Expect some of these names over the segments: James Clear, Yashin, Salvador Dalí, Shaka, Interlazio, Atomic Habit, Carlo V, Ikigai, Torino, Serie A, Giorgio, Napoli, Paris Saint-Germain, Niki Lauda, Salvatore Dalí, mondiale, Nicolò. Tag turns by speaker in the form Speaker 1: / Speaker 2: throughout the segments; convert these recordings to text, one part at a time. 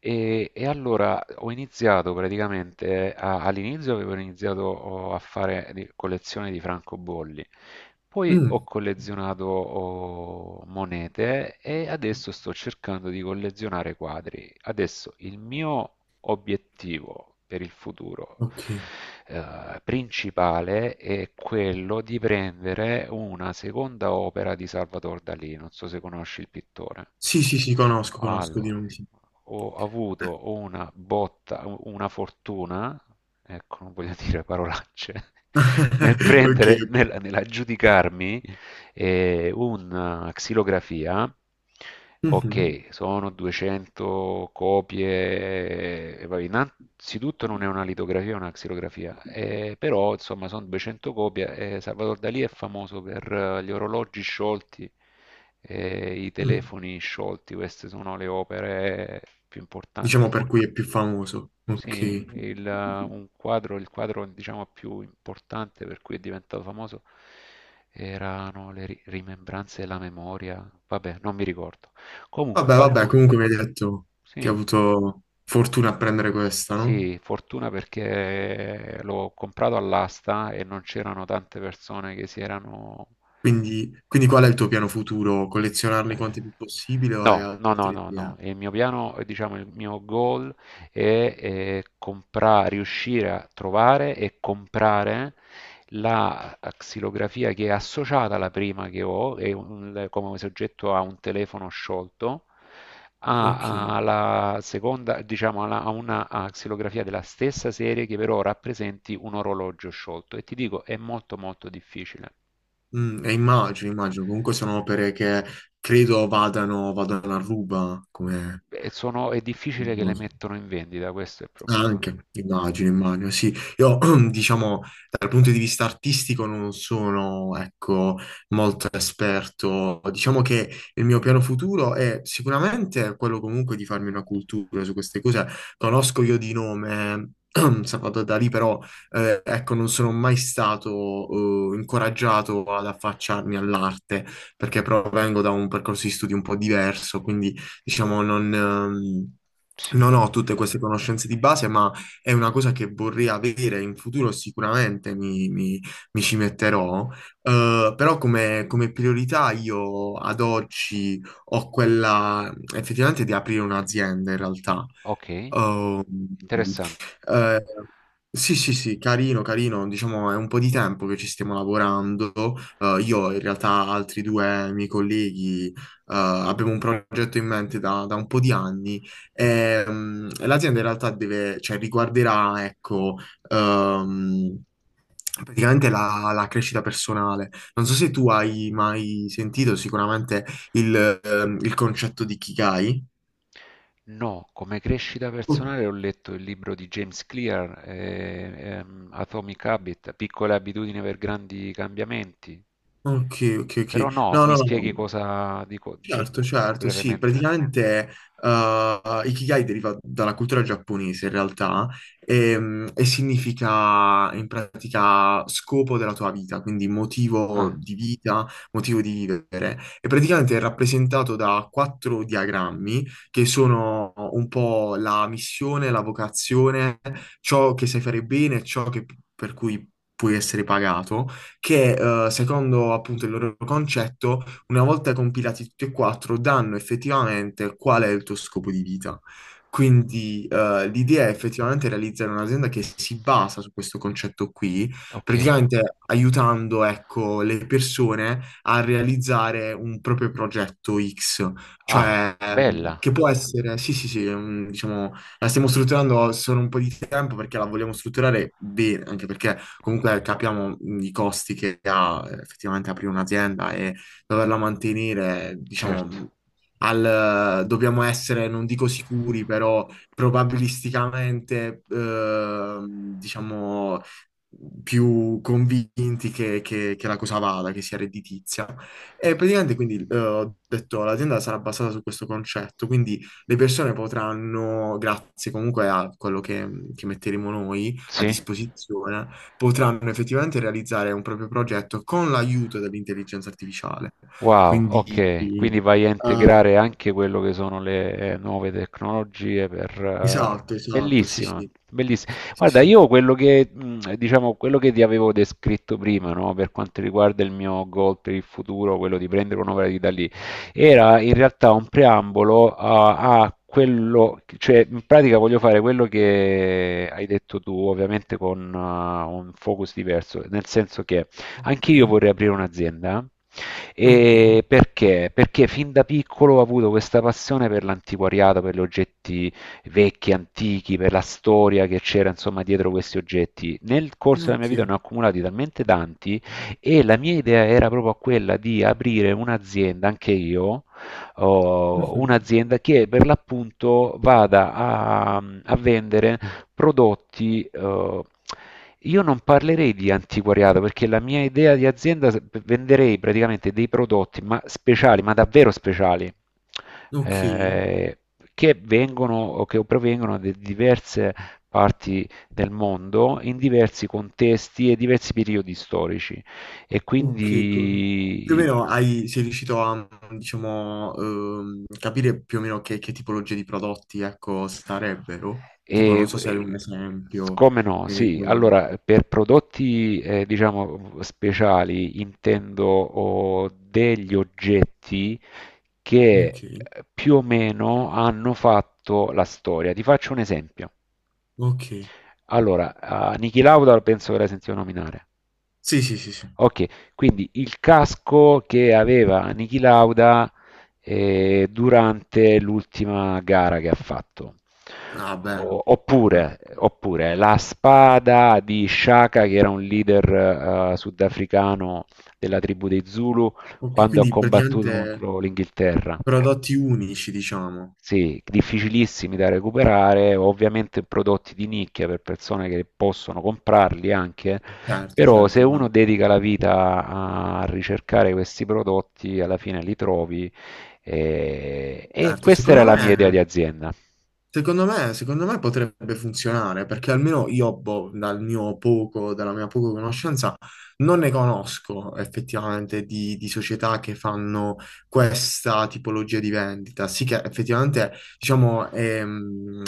Speaker 1: E allora ho iniziato praticamente, all'inizio avevo iniziato a fare collezione di francobolli, poi ho
Speaker 2: Mm,
Speaker 1: collezionato monete e adesso sto cercando di collezionare quadri. Adesso il mio obiettivo per il futuro
Speaker 2: ok.
Speaker 1: principale è quello di prendere una seconda opera di Salvador Dalì, non so se conosci il pittore.
Speaker 2: Sì, sì, sì, conosco, conosco di
Speaker 1: Allora,
Speaker 2: nome, sì.
Speaker 1: ho avuto una botta, una fortuna, ecco, non voglio dire parolacce, nel
Speaker 2: Ok,
Speaker 1: prendere,
Speaker 2: ok.
Speaker 1: nell'aggiudicarmi e una xilografia,
Speaker 2: Mhm,
Speaker 1: ok, sono 200 copie, e vabbè, innanzitutto non è una litografia, è una xilografia, però insomma sono 200 copie e Salvador Dalì è famoso per gli orologi sciolti, e i
Speaker 2: mm.
Speaker 1: telefoni sciolti, queste sono le opere più
Speaker 2: Diciamo
Speaker 1: importanti.
Speaker 2: per cui è più famoso.
Speaker 1: Sì,
Speaker 2: Ok.
Speaker 1: un quadro, il quadro diciamo più importante per cui è diventato famoso erano le rimembranze della memoria. Vabbè, non mi ricordo. Comunque,
Speaker 2: Vabbè, vabbè,
Speaker 1: fatto...
Speaker 2: comunque mi hai detto che hai
Speaker 1: Sì,
Speaker 2: avuto fortuna a prendere questa, no?
Speaker 1: sì, fortuna perché l'ho comprato all'asta e non c'erano tante persone che si erano
Speaker 2: Quindi qual è il tuo piano futuro? Collezionarli quanti
Speaker 1: eh,
Speaker 2: più possibile o hai
Speaker 1: no, no, no,
Speaker 2: altri
Speaker 1: no, no.
Speaker 2: piani?
Speaker 1: Il mio piano, diciamo, il mio goal è, riuscire a trovare e comprare la xilografia che è associata alla prima che ho, è come soggetto a un telefono sciolto,
Speaker 2: Ok.
Speaker 1: a, alla seconda, diciamo, a una a xilografia della stessa serie che però rappresenti un orologio sciolto. E ti dico, è molto molto difficile.
Speaker 2: Mm, e immagino, immagino. Comunque sono opere che credo vadano, vadano a ruba come.
Speaker 1: E è difficile che le mettano in vendita, questo è il problema.
Speaker 2: Anche, immagino, immagino, sì. Io, diciamo, dal punto di vista artistico non sono, ecco, molto esperto. Diciamo che il mio piano futuro è sicuramente quello comunque di farmi una cultura su queste cose. Conosco io di nome Salvatore Dalì, però, ecco, non sono mai stato, incoraggiato ad affacciarmi all'arte, perché provengo da un percorso di studi un po' diverso, quindi, diciamo,
Speaker 1: Sì,
Speaker 2: non ho tutte queste conoscenze di base, ma è una cosa che vorrei avere in futuro. Sicuramente mi ci metterò. Però come priorità io ad oggi ho quella effettivamente di aprire un'azienda in realtà.
Speaker 1: ok,
Speaker 2: Oh, mm,
Speaker 1: interessante.
Speaker 2: eh, sì, sì, sì, carino, carino. Diciamo, è un po' di tempo che ci stiamo lavorando. Io, in realtà, altri due miei colleghi, abbiamo un progetto in mente da un po' di anni. E, l'azienda, in realtà, deve, cioè, riguarderà, ecco, ehm, praticamente la crescita personale. Non so se tu hai mai sentito sicuramente il concetto di Kikai.
Speaker 1: No, come crescita personale ho letto il libro di James Clear, Atomic Habit, piccole abitudini per grandi cambiamenti.
Speaker 2: Ok, ok, ok.
Speaker 1: Però no,
Speaker 2: No,
Speaker 1: mi
Speaker 2: no, no,
Speaker 1: spieghi
Speaker 2: no.
Speaker 1: cosa dico, cioè,
Speaker 2: Certo, certo, sì,
Speaker 1: brevemente.
Speaker 2: praticamente Ikigai deriva dalla cultura giapponese in realtà, e, significa in pratica scopo della tua vita, quindi motivo
Speaker 1: Ah,
Speaker 2: di vita, motivo di vivere. E praticamente è rappresentato da quattro diagrammi che sono un po' la missione, la vocazione, ciò che sai fare bene, per cui puoi essere pagato, che, secondo appunto il loro concetto, una volta compilati tutti e quattro, danno effettivamente qual è il tuo scopo di vita. Quindi, l'idea è effettivamente realizzare un'azienda che si basa su questo concetto qui,
Speaker 1: ok.
Speaker 2: praticamente aiutando, ecco, le persone a realizzare un proprio progetto X,
Speaker 1: Ah,
Speaker 2: cioè,
Speaker 1: bella,
Speaker 2: che può essere, sì, sì, sì, diciamo, la stiamo strutturando solo un po' di tempo perché la vogliamo strutturare bene, anche perché comunque capiamo, i costi che ha, effettivamente aprire un'azienda e doverla mantenere. Diciamo,
Speaker 1: certo.
Speaker 2: dobbiamo essere, non dico sicuri, però probabilisticamente, diciamo, più convinti che la cosa vada, che sia redditizia. E praticamente quindi, ho detto l'azienda sarà basata su questo concetto, quindi le persone potranno, grazie comunque a quello che metteremo noi a
Speaker 1: Sì,
Speaker 2: disposizione, potranno effettivamente realizzare un proprio progetto con l'aiuto dell'intelligenza artificiale.
Speaker 1: wow,
Speaker 2: Quindi,
Speaker 1: ok, quindi vai a integrare anche quello che sono le nuove tecnologie per... eh,
Speaker 2: esatto, esatto, sì,
Speaker 1: Bellissima,
Speaker 2: sì.
Speaker 1: bellissima.
Speaker 2: Sì,
Speaker 1: Guarda,
Speaker 2: sì.
Speaker 1: io quello che, diciamo, quello che ti avevo descritto prima, no, per quanto riguarda il mio goal per il futuro, quello di prendere un'opera di Dalì, era in realtà un preambolo a, a quello, cioè in pratica voglio fare quello che hai detto tu, ovviamente con un focus diverso, nel senso che...
Speaker 2: Ok,
Speaker 1: Anche io vorrei aprire un'azienda.
Speaker 2: ok,
Speaker 1: E perché? Perché fin da piccolo ho avuto questa passione per l'antiquariato, per gli oggetti vecchi, antichi, per la storia che c'era insomma dietro questi oggetti. Nel corso della mia vita
Speaker 2: ok,
Speaker 1: ne ho accumulati talmente tanti e la mia idea era proprio quella di aprire un'azienda, anche io, oh,
Speaker 2: mhm,
Speaker 1: un'azienda che per l'appunto vada a, a vendere prodotti, io non parlerei di antiquariato perché la mia idea di azienda venderei praticamente dei prodotti ma speciali, ma davvero speciali,
Speaker 2: ok,
Speaker 1: eh, che vengono o che provengono da diverse parti del mondo in diversi contesti e diversi periodi storici. E
Speaker 2: ok. Più o
Speaker 1: quindi
Speaker 2: meno hai, sei riuscito a, diciamo, capire più o meno che tipologie di prodotti, ecco, sarebbero? Tipo, non
Speaker 1: E,
Speaker 2: so se hai un
Speaker 1: eh,
Speaker 2: esempio,
Speaker 1: come no, sì,
Speaker 2: riguardo.
Speaker 1: allora per prodotti diciamo speciali intendo degli oggetti che
Speaker 2: Ok,
Speaker 1: più o meno hanno fatto la storia. Ti faccio un esempio.
Speaker 2: ok.
Speaker 1: Allora, a Niki Lauda penso che l'hai sentito nominare.
Speaker 2: Sì, sì, sì, sì.
Speaker 1: Okay, quindi il casco che aveva Niki Lauda, durante l'ultima gara che ha fatto.
Speaker 2: Ah, beh,
Speaker 1: O
Speaker 2: beh.
Speaker 1: oppure oppure la spada di Shaka, che era un leader, sudafricano della tribù dei Zulu,
Speaker 2: Ok,
Speaker 1: quando ha
Speaker 2: quindi
Speaker 1: combattuto
Speaker 2: praticamente
Speaker 1: contro l'Inghilterra.
Speaker 2: prodotti unici, diciamo.
Speaker 1: Sì, difficilissimi da recuperare, ovviamente prodotti di nicchia per persone che possono comprarli anche,
Speaker 2: Certo,
Speaker 1: però se
Speaker 2: certo,
Speaker 1: uno
Speaker 2: immagino.
Speaker 1: dedica la vita a ricercare questi prodotti, alla fine li trovi.
Speaker 2: Certo,
Speaker 1: Questa era la mia idea di azienda.
Speaker 2: Secondo me, potrebbe funzionare perché almeno io, boh, dalla mia poca conoscenza, non ne conosco effettivamente di società che fanno questa tipologia di vendita. Sì che effettivamente, diciamo, è, mm,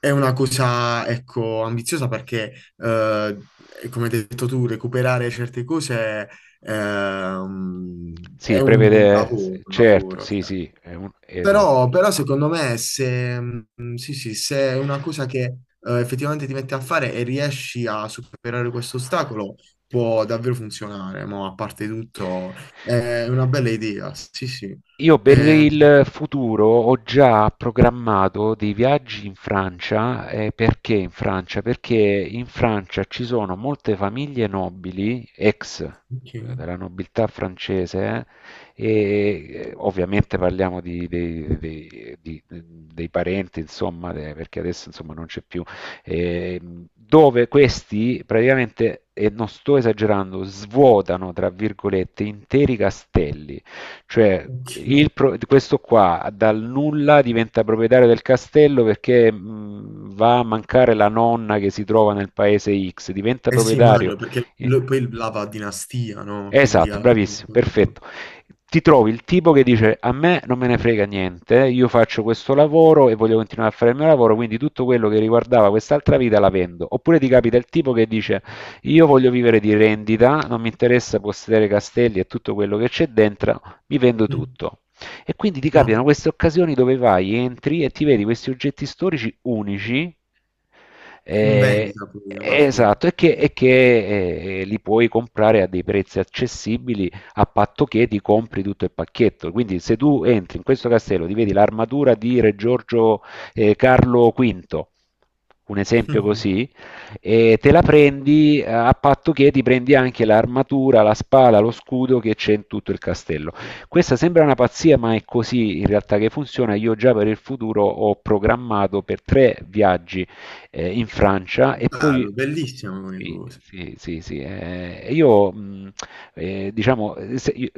Speaker 2: è una cosa, ecco, ambiziosa perché, eh, come hai detto tu, recuperare certe cose,
Speaker 1: Sì,
Speaker 2: è un
Speaker 1: prevede,
Speaker 2: lavoro, un
Speaker 1: certo,
Speaker 2: lavoro.
Speaker 1: sì,
Speaker 2: Cioè.
Speaker 1: sì, è esatto.
Speaker 2: Però secondo me, se, sì, sì, se è una cosa che, effettivamente ti metti a fare e riesci a superare questo ostacolo, può davvero funzionare, ma a parte tutto è una bella idea, sì, sì.
Speaker 1: Io per
Speaker 2: Eh,
Speaker 1: il futuro ho già programmato dei viaggi in Francia, perché in Francia? Perché in Francia ci sono molte famiglie nobili, ex
Speaker 2: ok,
Speaker 1: della nobiltà francese, ovviamente parliamo dei parenti, insomma, perché adesso insomma, non c'è più, dove questi praticamente, e non sto esagerando, svuotano, tra virgolette, interi castelli. Cioè,
Speaker 2: ok.
Speaker 1: il questo qua dal nulla diventa proprietario del castello perché va a mancare la nonna che si trova nel paese X, diventa
Speaker 2: Eh sì,
Speaker 1: proprietario.
Speaker 2: immagino, perché
Speaker 1: Eh,
Speaker 2: poi la va a dinastia, no? Quindi
Speaker 1: Esatto,
Speaker 2: alla fine...
Speaker 1: bravissimo, perfetto. Ti trovi il tipo che dice a me non me ne frega niente, io faccio questo lavoro e voglio continuare a fare il mio lavoro, quindi tutto quello che riguardava quest'altra vita la vendo. Oppure ti capita il tipo che dice io voglio vivere di rendita, non mi interessa possedere castelli e tutto quello che c'è dentro, mi vendo
Speaker 2: Mm.
Speaker 1: tutto. E quindi ti capitano
Speaker 2: No,
Speaker 1: queste occasioni dove vai, entri e ti vedi questi oggetti storici unici.
Speaker 2: in
Speaker 1: eh,
Speaker 2: vendita poi alla fine.
Speaker 1: Esatto, e che li puoi comprare a dei prezzi accessibili a patto che ti compri tutto il pacchetto. Quindi, se tu entri in questo castello, ti vedi l'armatura di Re Giorgio Carlo V, un esempio
Speaker 2: Mm.
Speaker 1: così, e te la prendi a patto che ti prendi anche l'armatura, la spada, lo scudo che c'è in tutto il castello. Questa sembra una pazzia, ma è così in realtà che funziona. Io già per il futuro ho programmato per 3 viaggi in Francia e poi
Speaker 2: Bello, bellissima come
Speaker 1: sì,
Speaker 2: cosa.
Speaker 1: sì, sì, sì. Io diciamo,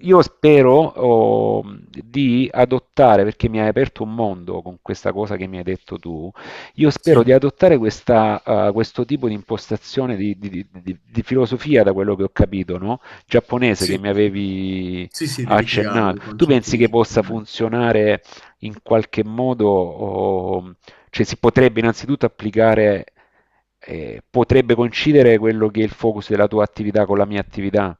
Speaker 1: io spero di adottare, perché mi hai aperto un mondo con questa cosa che mi hai detto tu, io spero di
Speaker 2: Sì,
Speaker 1: adottare questa, questo tipo di impostazione di filosofia, da quello che ho capito, no? Giapponese che
Speaker 2: sì.
Speaker 1: mi
Speaker 2: sì.
Speaker 1: avevi
Speaker 2: Sì, sì,
Speaker 1: ha
Speaker 2: dell'ikigai, il
Speaker 1: accennato. Tu
Speaker 2: concetto
Speaker 1: pensi
Speaker 2: di
Speaker 1: che possa
Speaker 2: ikigai.
Speaker 1: funzionare in qualche modo, o- cioè si potrebbe innanzitutto applicare, potrebbe coincidere quello che è il focus della tua attività con la mia attività?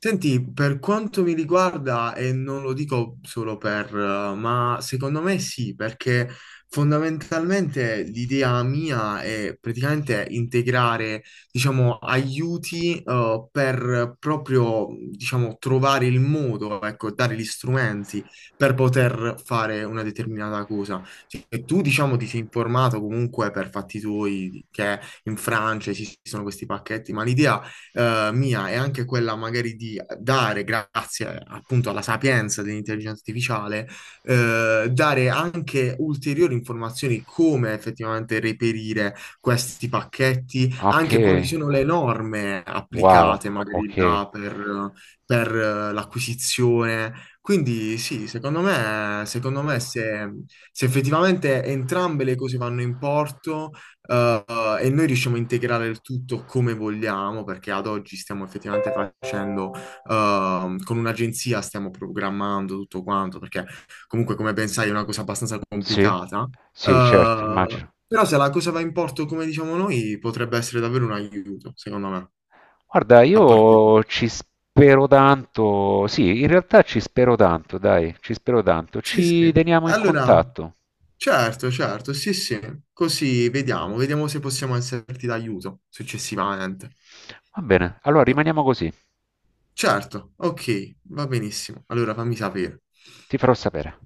Speaker 2: Senti, per quanto mi riguarda, e non lo dico solo per, ma secondo me sì, perché fondamentalmente l'idea mia è praticamente integrare, diciamo, aiuti, per proprio, diciamo, trovare il modo, ecco, dare gli strumenti per poter fare una determinata cosa. Cioè, tu, diciamo, ti sei informato comunque per fatti tuoi che in Francia esistono questi pacchetti, ma l'idea, mia è anche quella magari di dare, grazie appunto alla sapienza dell'intelligenza artificiale, dare anche ulteriori informazioni come effettivamente reperire questi pacchetti,
Speaker 1: Ok,
Speaker 2: anche quali sono le norme
Speaker 1: wow,
Speaker 2: applicate magari
Speaker 1: ok,
Speaker 2: là per, l'acquisizione. Quindi sì, secondo me, se se effettivamente entrambe le cose vanno in porto, e noi riusciamo a integrare il tutto come vogliamo, perché ad oggi stiamo effettivamente facendo, con un'agenzia stiamo programmando tutto quanto, perché comunque, come ben sai, è una cosa abbastanza
Speaker 1: sì,
Speaker 2: complicata.
Speaker 1: sì, certo, immagino.
Speaker 2: Però se la cosa va in porto come diciamo noi, potrebbe essere davvero un aiuto, secondo me,
Speaker 1: Guarda,
Speaker 2: a parte
Speaker 1: io
Speaker 2: tutto.
Speaker 1: ci spero tanto, sì, in realtà ci spero tanto, dai, ci spero tanto,
Speaker 2: Sì,
Speaker 1: ci
Speaker 2: sì.
Speaker 1: teniamo in
Speaker 2: Allora,
Speaker 1: contatto.
Speaker 2: certo, certo, sì, sì. Così vediamo, vediamo se possiamo esserti d'aiuto successivamente.
Speaker 1: Va bene, allora rimaniamo così.
Speaker 2: Certo, ok, va benissimo. Allora fammi sapere.
Speaker 1: Ti farò sapere.